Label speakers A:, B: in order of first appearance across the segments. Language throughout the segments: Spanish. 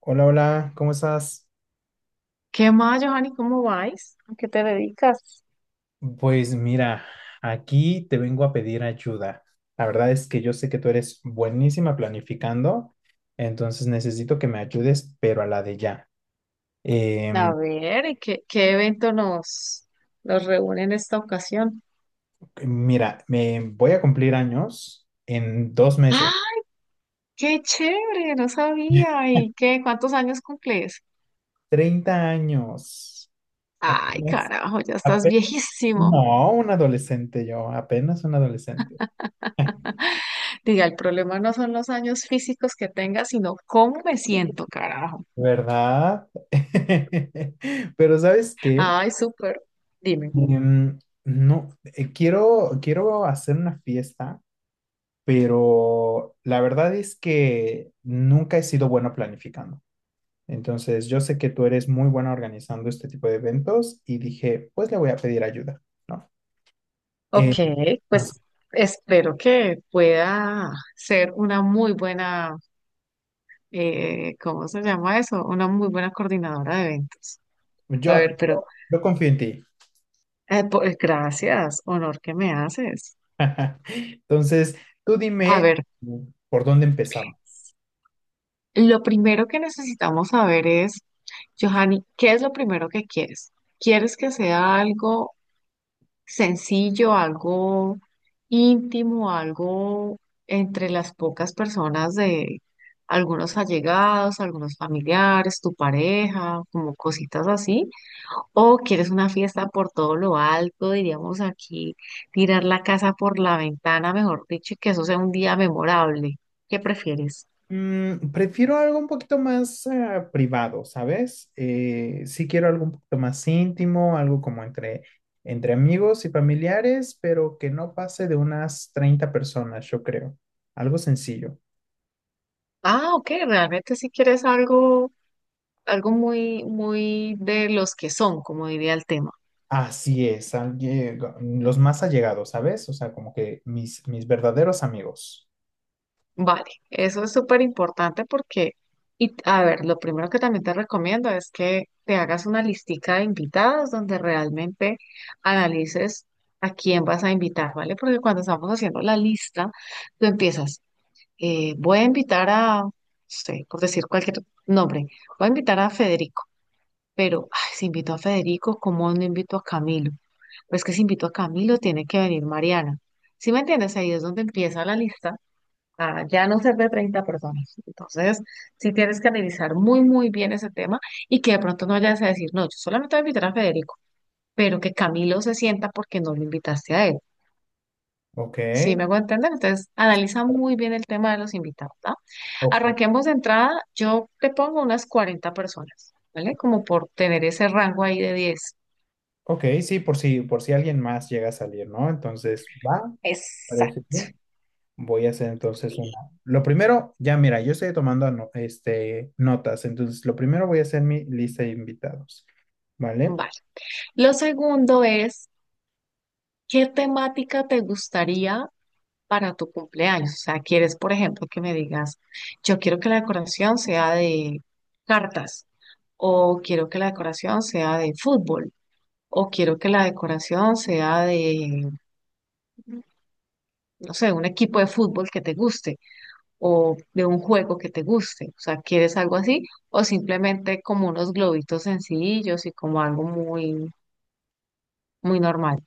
A: Hola, hola, ¿cómo estás?
B: ¿Qué más, Johanny? ¿Cómo vais? ¿A qué te dedicas?
A: Pues mira, aquí te vengo a pedir ayuda. La verdad es que yo sé que tú eres buenísima planificando, entonces necesito que me ayudes, pero a la de ya.
B: A
A: Em,
B: ver, y ¿qué evento nos reúne en esta ocasión?
A: Mira, me voy a cumplir años en 2 meses.
B: ¡Ah! ¡Qué chévere! No sabía. ¿Y qué? ¿Cuántos años cumples?
A: 30 años.
B: Ay,
A: Apenas,
B: carajo, ya estás
A: ape-
B: viejísimo.
A: no, un adolescente yo, apenas un adolescente,
B: Diga, el problema no son los años físicos que tengas, sino cómo me siento, carajo.
A: ¿verdad? Pero ¿sabes qué?
B: Ay, súper. Dime.
A: Em, no, quiero hacer una fiesta, pero la verdad es que nunca he sido bueno planificando. Entonces, yo sé que tú eres muy buena organizando este tipo de eventos y dije, pues le voy a pedir ayuda, ¿no? Eh,
B: Ok,
A: No sé.
B: pues espero que pueda ser una muy buena ¿cómo se llama eso? Una muy buena coordinadora de eventos. A
A: yo,
B: ver, pero
A: yo confío en ti.
B: gracias, honor que me haces.
A: Entonces, tú
B: A
A: dime,
B: ver,
A: mm, por dónde empezamos.
B: lo primero que necesitamos saber es, Johanny, ¿qué es lo primero que quieres? ¿Quieres que sea algo sencillo, algo íntimo, algo entre las pocas personas de algunos allegados, algunos familiares, tu pareja, como cositas así? O quieres una fiesta por todo lo alto, diríamos aquí, tirar la casa por la ventana, mejor dicho, y que eso sea un día memorable. ¿Qué prefieres?
A: Prefiero algo un poquito más privado, ¿sabes? Sí quiero algo un poquito más íntimo, algo como entre amigos y familiares, pero que no pase de unas 30 personas, yo creo. Algo sencillo.
B: Ah, ok, realmente si quieres algo, algo muy, muy de los que son, como diría el tema.
A: Así es, los más allegados, ¿sabes? O sea, como que mis verdaderos amigos.
B: Vale, eso es súper importante porque, y a ver, lo primero que también te recomiendo es que te hagas una listica de invitados donde realmente analices a quién vas a invitar, ¿vale? Porque cuando estamos haciendo la lista, tú empiezas. Voy a invitar a, no sé, por decir cualquier nombre, voy a invitar a Federico, pero ay, si invito a Federico, ¿cómo no invito a Camilo? Pues que si invito a Camilo, tiene que venir Mariana. ¿Sí me entiendes? Ahí es donde empieza la lista a ya no ser de 30 personas. Entonces, sí tienes que analizar muy, muy bien ese tema y que de pronto no vayas a decir, no, yo solamente voy a invitar a Federico, pero que Camilo se sienta porque no lo invitaste a él.
A: Ok.
B: ¿Sí me hago entender? Entonces, analiza muy bien el tema de los invitados, ¿ah?
A: Ok,
B: Arranquemos de entrada, yo te pongo unas 40 personas, ¿vale? Como por tener ese rango ahí de 10.
A: ok, sí, por si alguien más llega a salir, ¿no? Entonces, va, parece
B: Exacto.
A: bien. Voy a hacer entonces una. Lo primero, ya mira, yo estoy tomando este, notas, entonces lo primero voy a hacer mi lista de invitados, ¿vale?
B: Vale. Lo segundo es, ¿qué temática te gustaría para tu cumpleaños? O sea, quieres, por ejemplo, que me digas, yo quiero que la decoración sea de cartas, o quiero que la decoración sea de fútbol, o quiero que la decoración sea de, no sé, un equipo de fútbol que te guste, o de un juego que te guste. O sea, ¿quieres algo así? O simplemente como unos globitos sencillos y como algo muy, muy normal.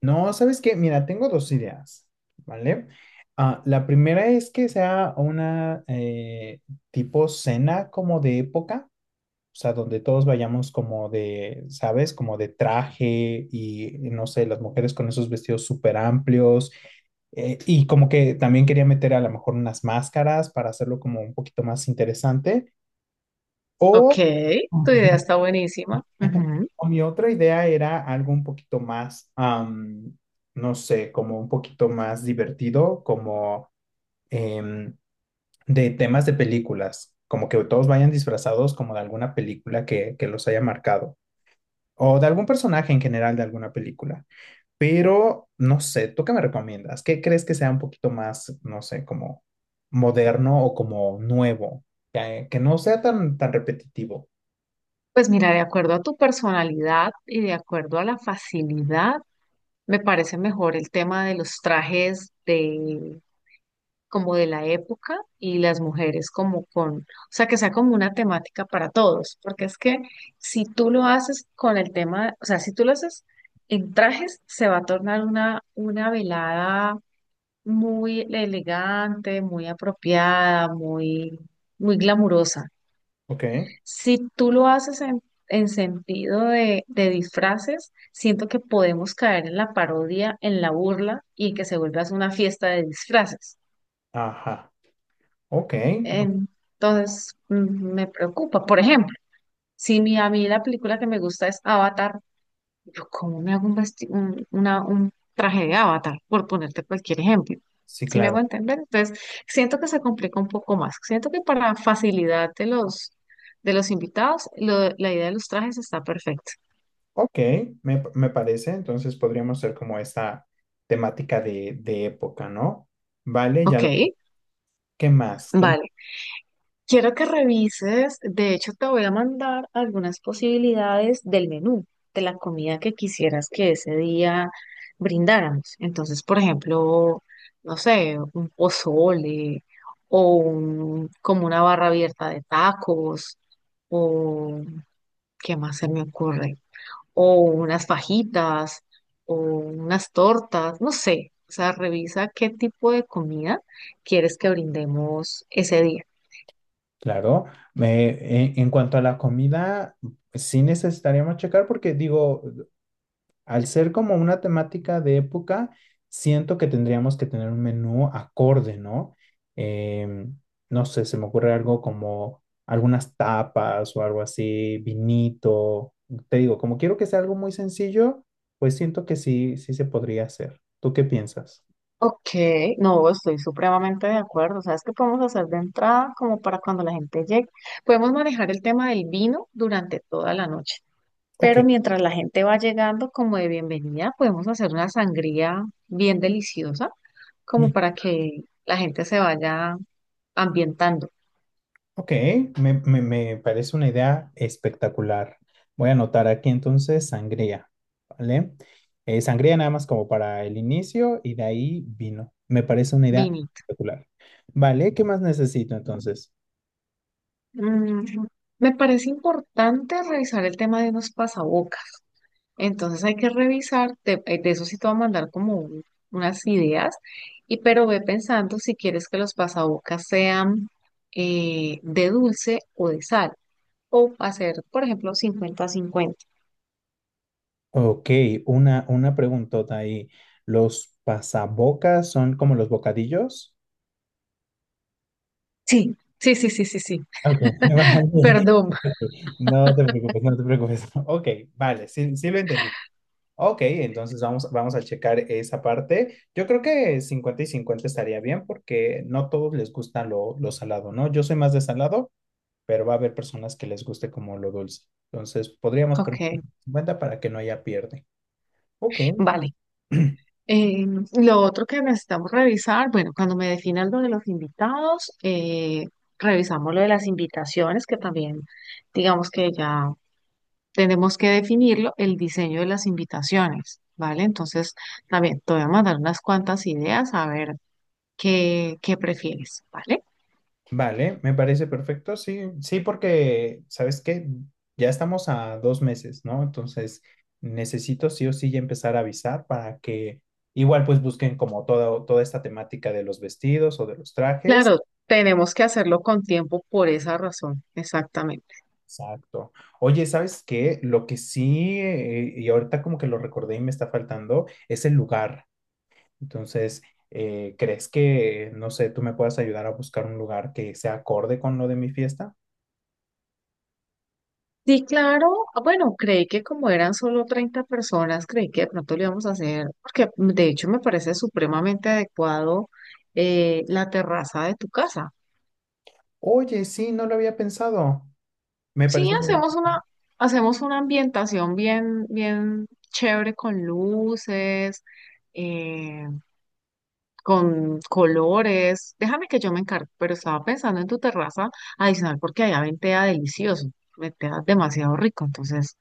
A: No, ¿sabes qué? Mira, tengo dos ideas, ¿vale? Ah, la primera es que sea una tipo cena como de época, o sea, donde todos vayamos como de, ¿sabes? Como de traje y, no sé, las mujeres con esos vestidos súper amplios. Y como que también quería meter a lo mejor unas máscaras para hacerlo como un poquito más interesante.
B: Ok,
A: O,
B: tu idea está buenísima. Ujú.
A: o mi otra idea era algo un poquito más, no sé, como un poquito más divertido, como em, de temas de películas, como que todos vayan disfrazados como de alguna película que los haya marcado o de algún personaje en general de alguna película. Pero no sé, ¿tú qué me recomiendas? ¿Qué crees que sea un poquito más, no sé, como moderno o como nuevo? Que no sea tan repetitivo.
B: Pues mira, de acuerdo a tu personalidad y de acuerdo a la facilidad, me parece mejor el tema de los trajes de como de la época y las mujeres como con, o sea, que sea como una temática para todos, porque es que si tú lo haces con el tema, o sea, si tú lo haces en trajes, se va a tornar una velada muy elegante, muy apropiada, muy, muy glamurosa.
A: Ok,
B: Si tú lo haces en sentido de disfraces, siento que podemos caer en la parodia, en la burla y en que se vuelva una fiesta de disfraces.
A: ajá, ok, bu-
B: Entonces, me preocupa. Por ejemplo, si mi, a mí la película que me gusta es Avatar, yo cómo me hago un, vesti- un, una- un traje de Avatar, por ponerte cualquier ejemplo.
A: sí,
B: ¿Si me
A: claro.
B: hago entender? Entonces, siento que se complica un poco más. Siento que para facilidad de los invitados, lo- la idea de los trajes está perfecta.
A: Ok, me parece, entonces podríamos ser como esta temática de época, ¿no? Vale, ya,
B: Ok,
A: ¿qué más? ¿Qué más?
B: vale. Quiero que revises, de hecho te voy a mandar algunas posibilidades del menú, de la comida que quisieras que ese día brindáramos. Entonces, por ejemplo, no sé, un pozole o como una barra abierta de tacos o ¿qué más se me ocurre? O unas fajitas o unas tortas, no sé. O sea, revisa qué tipo de comida quieres que brindemos ese día.
A: Claro, en cuanto a la comida, sí necesitaríamos checar porque digo, al ser como una temática de época, siento que tendríamos que tener un menú acorde, ¿no? Em, no sé, se me ocurre algo como algunas tapas o algo así, vinito. Te digo, como quiero que sea algo muy sencillo, pues siento que sí se podría hacer. ¿Tú qué piensas?
B: Ok, no, estoy supremamente de acuerdo. ¿Sabes qué podemos hacer de entrada como para cuando la gente llegue? Podemos manejar el tema del vino durante toda la noche,
A: Ok.
B: pero mientras la gente va llegando como de bienvenida, podemos hacer una sangría bien deliciosa como para que la gente se vaya ambientando.
A: Ok, me parece una idea espectacular. Voy a anotar aquí entonces sangría, ¿vale? Sangría nada más como para el inicio y de ahí vino. Me parece una idea
B: Vinito.
A: espectacular. ¿Vale? ¿Qué más necesito entonces?
B: Mm, me parece importante revisar el tema de unos pasabocas. Entonces hay que revisar, de eso sí te voy a mandar como unas ideas, y pero ve pensando si quieres que los pasabocas sean de dulce o de sal, o hacer, por ejemplo, 50 a 50.
A: Ok, una preguntota ahí. ¿Los pasabocas son como los bocadillos?
B: Sí, sí, sí, sí, sí, sí.
A: Ok, vale.
B: Perdón.
A: Ok, no te preocupes, no te preocupes. Ok, vale, sí lo entendí. Ok, entonces vamos a checar esa parte. Yo creo que 50 y 50 estaría bien porque no todos les gusta lo salado, ¿no? Yo soy más de salado, pero va a haber personas que les guste como lo dulce. Entonces podríamos poner
B: Ok,
A: 50 para que no haya pierde. Ok,
B: vale. Eh, lo otro que necesitamos revisar, bueno, cuando me definan lo de los invitados, revisamos lo de las invitaciones, que también digamos que ya tenemos que definirlo, el diseño de las invitaciones, ¿vale? Entonces, también te voy a mandar unas cuantas ideas a ver qué, qué prefieres, ¿vale?
A: vale, me parece perfecto. Sí, sí, porque, ¿sabes qué? Ya estamos a 2 meses, ¿no? Entonces necesito sí o sí ya empezar a avisar para que igual pues busquen como toda esta temática de los vestidos o de los trajes.
B: Claro, tenemos que hacerlo con tiempo por esa razón, exactamente.
A: Exacto. Oye, ¿sabes qué? Lo que sí, y ahorita como que lo recordé y me está faltando, es el lugar. Entonces, ¿crees que, no sé, tú me puedas ayudar a buscar un lugar que sea acorde con lo de mi fiesta?
B: Sí, claro, ah, bueno, creí que como eran solo 30 personas, creí que de pronto lo íbamos a hacer, porque de hecho me parece supremamente adecuado la terraza de tu casa.
A: Oye, sí, no lo había pensado. Me
B: Sí,
A: parece muy bien.
B: hacemos una ambientación bien, bien chévere con luces, eh, con colores. Déjame que yo me encargo, pero estaba pensando en tu terraza adicional porque allá ventea delicioso, ventea demasiado rico, entonces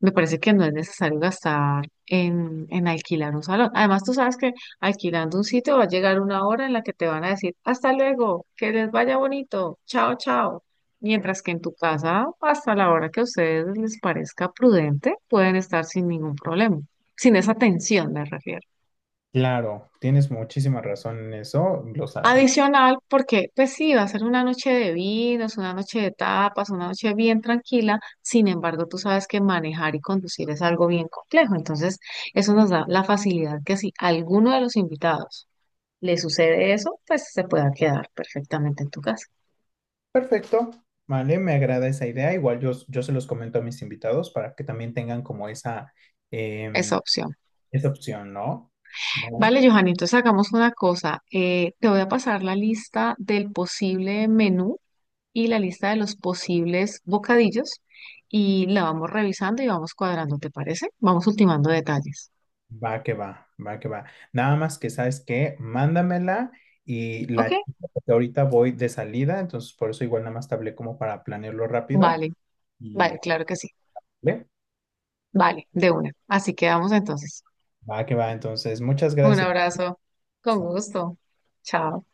B: me parece que no es necesario gastar en alquilar un salón. Además, tú sabes que alquilando un sitio va a llegar una hora en la que te van a decir, hasta luego, que les vaya bonito, chao, chao. Mientras que en tu casa, hasta la hora que a ustedes les parezca prudente, pueden estar sin ningún problema, sin esa tensión, me refiero.
A: Claro, tienes muchísima razón en eso. Los, a-
B: Adicional, porque pues sí, va a ser una noche de vinos, una noche de tapas, una noche bien tranquila. Sin embargo, tú sabes que manejar y conducir es algo bien complejo. Entonces, eso nos da la facilidad que si a alguno de los invitados le sucede eso, pues se pueda quedar perfectamente en tu casa.
A: perfecto, vale, me agrada esa idea. Igual yo se los comento a mis invitados para que también tengan como
B: Esa
A: em,
B: opción.
A: esa opción, ¿no? ¿No?
B: Vale, Johan, entonces hagamos una cosa. Te voy a pasar la lista del posible menú y la lista de los posibles bocadillos y la vamos revisando y vamos cuadrando, ¿te parece? Vamos ultimando detalles.
A: Va que va, va que va. Nada más que sabes que mándamela y
B: ¿Ok?
A: la chica, porque ahorita voy de salida, entonces por eso igual nada más te hablé como para planearlo rápido
B: Vale, vale,
A: y
B: claro que sí.
A: ¿vale?
B: Vale, de una. Así quedamos entonces.
A: Va que va. Entonces, muchas
B: Un
A: gracias.
B: abrazo. Con gusto. Chao.